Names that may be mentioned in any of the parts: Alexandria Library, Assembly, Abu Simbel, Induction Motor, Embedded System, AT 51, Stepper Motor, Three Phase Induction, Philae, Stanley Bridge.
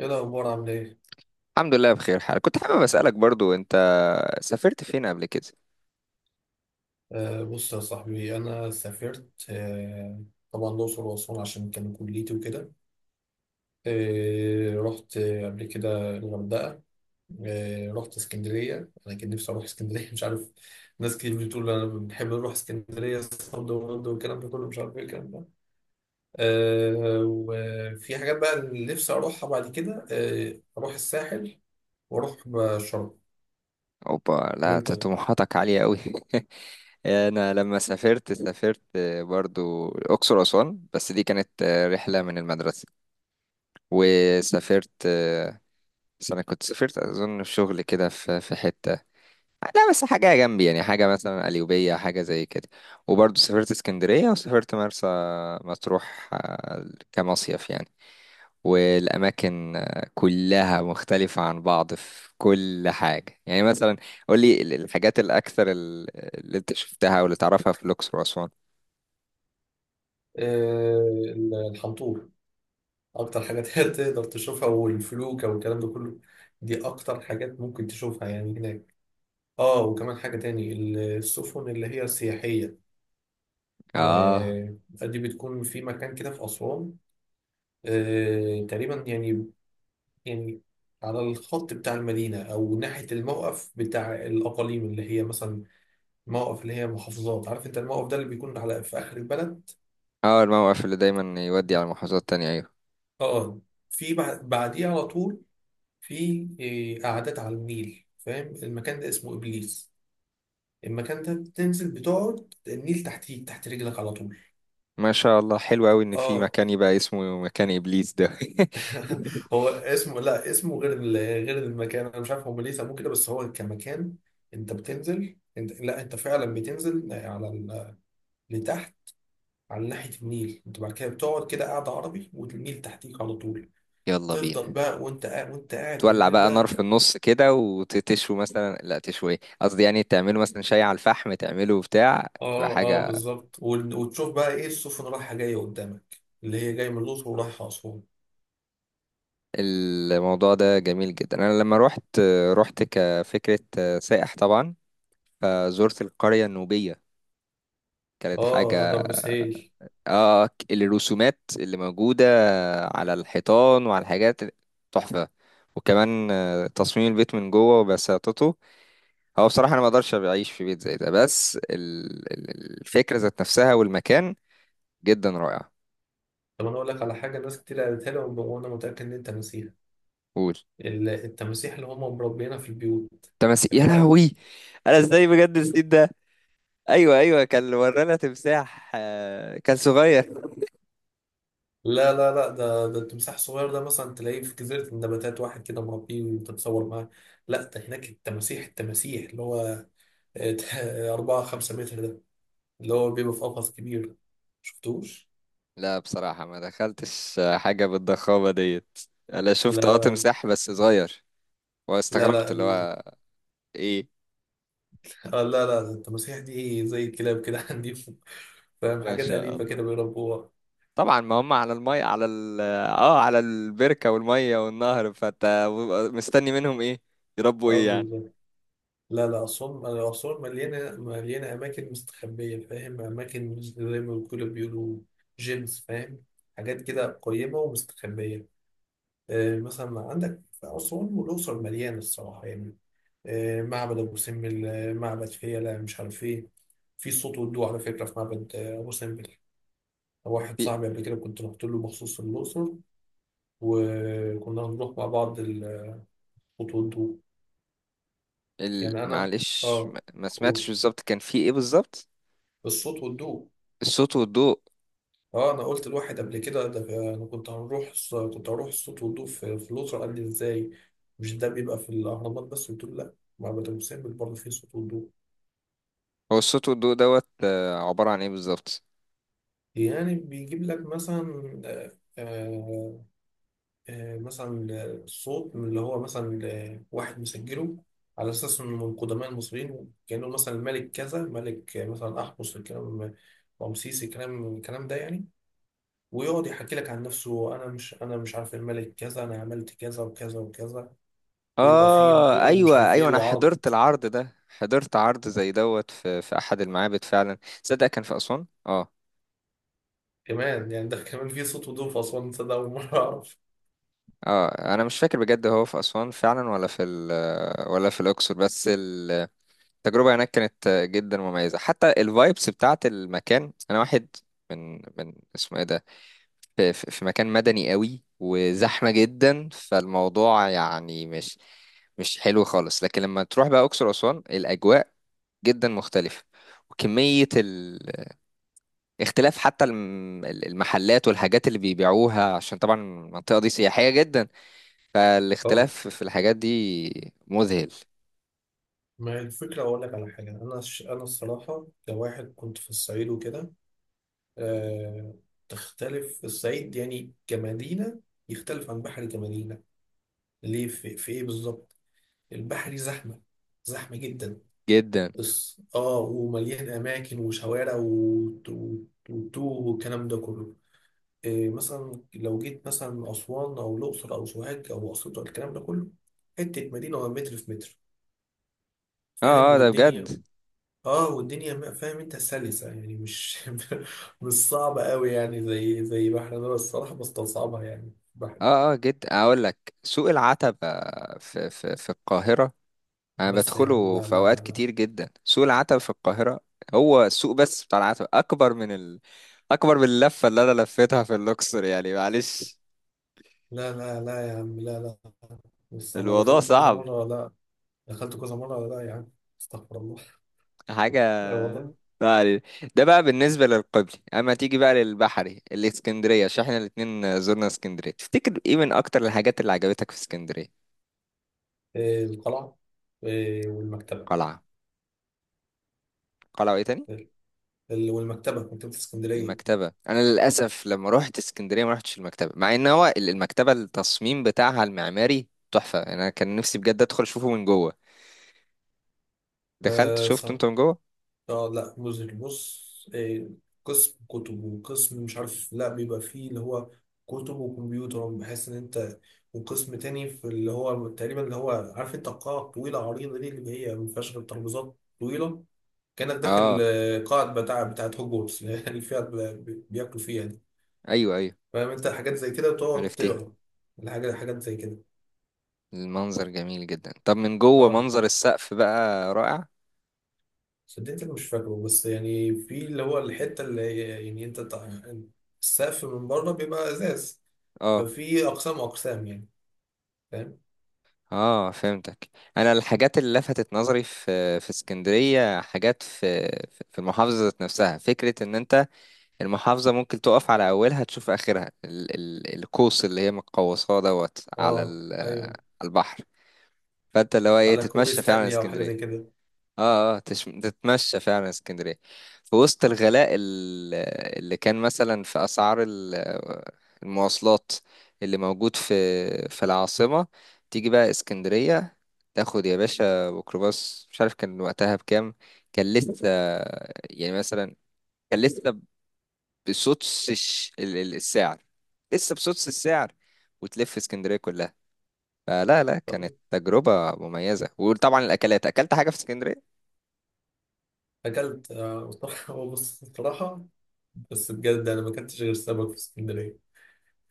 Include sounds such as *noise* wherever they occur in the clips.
ايه الاخبار؟ عامل ايه؟ الحمد لله بخير حال. كنت حابب أسألك برضو أنت سافرت فين قبل كده؟ بص يا صاحبي، انا سافرت. طبعا الاقصر واسوان عشان كان كليتي وكده. رحت قبل كده الغردقه. رحت اسكندريه، انا كان نفسي اروح اسكندريه *laughs* مش عارف. ناس كتير بتقول انا بنحب نروح اسكندريه صد ورد والكلام ده كله، مش عارف ايه الكلام ده. وفي حاجات بقى اللي نفسي اروحها بعد كده. اروح الساحل، واروح شرم. أوبا، لا وانت؟ طموحاتك عالية أوي. *laughs* أنا لما سافرت، سافرت برضو الأقصر وأسوان، بس دي كانت رحلة من المدرسة. وسافرت، بس أنا كنت سافرت أظن في شغل كده في حتة، لا بس حاجة جنبي، يعني حاجة مثلا قليوبية حاجة زي كده. وبرضو سافرت اسكندرية وسافرت مرسى مطروح، كمصيف يعني. والأماكن كلها مختلفة عن بعض في كل حاجة، يعني مثلا قولي الحاجات الأكثر، اللي أنت شفتها أو اللي تعرفها في الأقصر وأسوان. آه الحنطور اكتر حاجات هي تقدر تشوفها، والفلوكة والكلام ده كله. دي اكتر حاجات ممكن تشوفها يعني هناك. اه، وكمان حاجة تاني: السفن اللي هي السياحية. آه، آه دي بتكون في مكان كده في أسوان. آه تقريبا يعني، يعني على الخط بتاع المدينة، أو ناحية الموقف بتاع الأقاليم، اللي هي مثلا موقف اللي هي محافظات. عارف أنت الموقف ده اللي بيكون على في آخر البلد؟ آه، الموقف اللي دايما يودي على محافظات تانية، أيوة. اه آه. في بعديه على طول. في قعدات على النيل. فاهم المكان ده؟ اسمه إبليس. المكان ده تنزل بتقعد النيل تحتيك، تحت رجلك على طول. ما شاء الله، حلو أوي إن في اه. مكان يبقى اسمه مكان إبليس ده. *laughs* هو اسمه، لا اسمه غير غير المكان، انا مش عارف هم ليه سموه كده، بس هو كمكان انت بتنزل، انت لا انت فعلا بتنزل على لتحت على ناحية النيل. انت بعد كده بتقعد كده قاعدة عربي، والنيل تحتيك على طول. *laughs* يلا تفضل بينا، بقى وانت قاعد، وانت قاعد تولع بالليل بقى نار بقى. في النص كده وتشوي مثلا، لا تشوي قصدي، يعني تعملوا مثلا شاي على الفحم، تعملوا بتاع تبقى اه اه حاجة. بالظبط. وتشوف بقى ايه، السفن رايحة جاية قدامك، اللي هي جاية من الأقصر ورايحة أسوان. الموضوع ده جميل جدا. انا لما روحت، روحت كفكرة سائح طبعا، فزرت القرية النوبية. كانت اه، حاجة. غرب سهيل. اه، الرسومات اللي موجودة على الحيطان وعلى الحاجات تحفة. وكمان تصميم البيت من جوه وبساطته. هو بصراحة انا ما اقدرش اعيش في بيت زي ده، بس الفكرة ذات نفسها والمكان جدا رائع. طب انا اقول لك على حاجه، ناس كتير قالتها لي وانا متاكد ان انت مسيحي. قول. التماسيح اللي هم مربينا في البيوت، تمسي يا فاكرها؟ لهوي. انا ازاي بجد نسيت ده. ايوه، ايوه، كان ورانا تمساح، كان صغير. لا لا لا، ده ده التمساح الصغير ده مثلا تلاقيه في جزيره النباتات، واحد كده مربيه وتتصور معاه. لا، ده هناك التماسيح، اللي هو *laughs* 4 5 متر ده، اللي هو بيبقى في قفص كبير، شفتوش؟ لا بصراحة ما دخلتش حاجة بالضخامة ديت. أنا شفت لا لا تمساح بس صغير، لا لا واستغربت اللي هو إيه. آه، لا لا، ده التماسيح دي زي الكلاب كده، *laughs* عندي، فاهم؟ ما حاجات شاء أليفة كده الله. بيربوها. طبعا ما هم على المية، على ال اه على البركة والمية والنهر، فأنت مستني منهم إيه، يربوا اه إيه يعني. بالظبط. لا لا، أسوان أسوان مليانة، مليانة أماكن مستخبية، فاهم؟ أماكن مش زي ما بيقولوا، جيمز فاهم. حاجات كده قريبة ومستخبية. آه مثلا عندك في أسوان والأقصر مليانة الصراحة يعني. آه معبد أبو سمبل، معبد فيلة، مش عارف إيه. في صوت ودو على فكرة في معبد أبو سمبل. واحد في صاحبي قبل كده كنت رحت له مخصوص الأقصر، وكنا هنروح مع بعض الصوت والضوء. يعني أنا، معلش، آه، ما سمعتش أقول، بالظبط كان في إيه بالظبط. الصوت والضوء. الصوت والضوء. اه انا قلت الواحد قبل كده، ده انا كنت كنت هروح الصوت والضوء في في الاسره، قال لي ازاي؟ مش ده بيبقى في الاهرامات بس؟ قلت له لا، معبد ابو سمبل برضه فيه صوت والضوء. هو الصوت والضوء دوت عبارة عن إيه بالظبط. يعني بيجيب لك مثلا مثلا صوت من اللي هو مثلا واحد مسجله على اساس انه من قدماء المصريين، كانه مثلا الملك كذا، ملك مثلا احمس، الكلام، رمسيس، الكلام الكلام ده يعني. ويقعد يحكي لك عن نفسه، انا مش عارف الملك كذا، انا عملت كذا وكذا وكذا. ويبقى فيه اه، ضوء ومش ايوه، عارف ايوه، ايه انا وعرض حضرت العرض ده، حضرت عرض زي دوت في احد المعابد فعلا. تصدق كان في اسوان، اه. كمان يعني. ده كمان فيه صوت وضوء في أسوان؟ تصدق أول مرة أعرف. اه، انا مش فاكر بجد هو في اسوان فعلا، ولا في ولا في الاقصر، بس التجربه هناك كانت جدا مميزه، حتى الفايبس بتاعت المكان. انا واحد من اسمه ايه ده، في مكان مدني قوي وزحمه جدا، فالموضوع يعني مش حلو خالص. لكن لما تروح بقى اقصر واسوان، الاجواء جدا مختلف. وكمية الاختلاف، حتى المحلات والحاجات اللي بيبيعوها، عشان طبعا المنطقة دي سياحية جدا، اه، فالاختلاف في الحاجات دي مذهل ما هي الفكرة. أقول لك على حاجة، أنا أنا الصراحة كواحد كنت في الصعيد وكده، آه... تختلف الصعيد يعني كمدينة، يختلف عن بحري كمدينة. ليه؟ في إيه بالظبط؟ البحري زحمة، زحمة جدا. جدا. بس اه ومليان أماكن وشوارع وتوه والكلام ده كله. إيه مثلا لو جيت مثلا أسوان أو الأقصر أو سوهاج أو أسيوط أو الكلام ده كله، حتة مدينة، ولا متر في متر، فاهم؟ اه، اه، ده بجد. والدنيا، اه والدنيا فاهم انت، سلسة يعني، مش *laughs* مش صعبة قوي يعني، زي زي بحر. انا الصراحة بستصعبها يعني بحري. اه، اه، جدا. اقول لك سوق العتبة، في القاهرة. انا بس يا عم بدخله لا في لا اوقات لا، كتير جدا، سوق العتبة في القاهرة. هو السوق بس بتاع العتبة اكبر من اكبر من اللفة اللي انا لفيتها في اللوكسور، يعني معلش. لا لا لا، لا يا عم، لا لا. بص انا الموضوع دخلت كذا صعب مرة، لا، دخلت كذا مرة، لا يا عم، استغفر الله. *laughs* حاجة. آه والله. ما علينا. ده بقى بالنسبة للقبلي، أما تيجي بقى للبحري الإسكندرية، عشان احنا الاتنين زرنا اسكندرية، تفتكر ايه من أكتر الحاجات اللي عجبتك في اسكندرية؟ آه، القلعة، آه، والمكتبة. قلعة. قلعة، وايه تاني؟ والمكتبة، مكتبة المكتبة. أنا للأسف لما روحت اسكندرية ما روحتش المكتبة، مع إن هو المكتبة التصميم بتاعها المعماري تحفة. أنا كان نفسي بجد أدخل أشوفه من جوه. دخلت شفته اسكندرية. أنت من جوه؟ اه لا مذهل. بص إيه، قسم كتب وقسم مش عارف، لا بيبقى فيه اللي هو كتب وكمبيوتر، بحيث ان انت، وقسم تاني في اللي هو تقريبا اللي هو، عارف انت القاعة الطويلة عريضة دي اللي هي ما فيهاش غير ترابيزات طويلة؟ كأنك داخل آه، قاعة بتاعت هوجورتس، *laughs* اللي فيها بياكلوا فيها دي. أيوه، أيوه، فاهم انت، حاجات زي كده بتقعد عرفت ايه. تقرا الحاجة، حاجات زي كده. المنظر جميل جدا. طب من جوه اه منظر السقف بقى رائع. صدقتك مش فاكره، بس يعني في اللي هو الحتة يعني انت السقف من بره بيبقى ازاز، آه، ففي اقسام اقسام يعني، فاهم. اه، فهمتك. انا الحاجات اللي لفتت نظري في اسكندريه، حاجات في المحافظه ذات نفسها. فكره ان انت المحافظه ممكن تقف على اولها تشوف اخرها. ال القوس اللي هي متقوساه دوت على اه ايوه، على البحر، فانت اللي هو ايه على كوبري تتمشى فعلا ستانلي او حاجة زي اسكندريه. كده. اه، اه، تتمشى فعلا اسكندرية، في وسط الغلاء، اللي كان مثلا في أسعار المواصلات اللي موجود في العاصمة. تيجي بقى اسكندرية، تاخد يا باشا ميكروباص، مش عارف كان وقتها بكام. كان لسه، يعني مثلا، كان لسه بسدس السعر، لسه بسدس السعر، وتلف اسكندرية كلها. فلا، لا، كانت تجربة مميزة. وطبعا الأكلات، أكلت حاجة في اسكندرية. اكلت، *laughs* هو بص بصراحة، بس بجد انا ما اكلتش غير سمك في اسكندرية،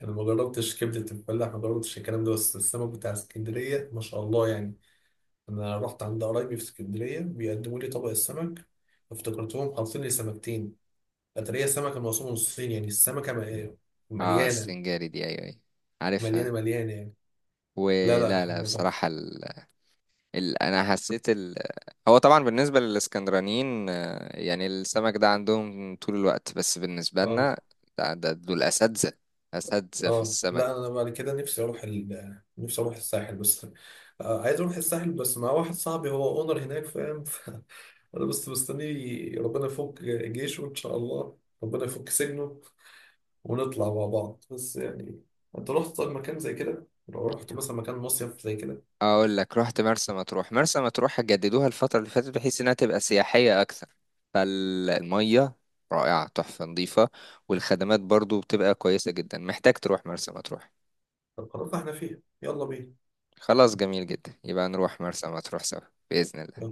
انا ما جربتش كبدة الفلاح، ما جربتش الكلام ده، بس السمك بتاع اسكندرية ما شاء الله يعني. انا رحت عند قرايبي في اسكندرية، بيقدموا لي طبق السمك، افتكرتهم حاطين لي سمكتين. قطرية السمك الموصول من الصين يعني، السمكة اه، مليانة، السنجاري دي، ايوه، ايوه، مليانة عارفها. مليانة يعني. لا لا، ولا، لا، حاجة تحفة. بصراحة انا حسيت هو طبعا بالنسبة للاسكندرانيين، يعني السمك ده عندهم طول الوقت، بس بالنسبة اه لنا ده دول اساتذة، اساتذة في اه. السمك. لا انا بعد كده نفسي اروح ال... نفسي اروح الساحل بس. آه عايز اروح الساحل بس مع واحد صاحبي هو اونر هناك، فاهم؟ *laughs* انا بس مستني ربنا يفك جيشه ان شاء الله، ربنا يفك سجنه، ونطلع مع بعض بس يعني. انت رحت طيب مكان زي كده؟ لو رحت مثلا مكان مصيف زي كده؟ اقول لك رحت مرسى مطروح. مرسى مطروح جددوها الفترة اللي فاتت بحيث انها تبقى سياحية اكثر. فالمية رائعة تحفة نظيفة، والخدمات برضو بتبقى كويسة جدا. محتاج تروح مرسى مطروح. طب خلاص احنا فيه، يلا بينا. خلاص جميل جدا، يبقى نروح مرسى مطروح سوا بإذن الله.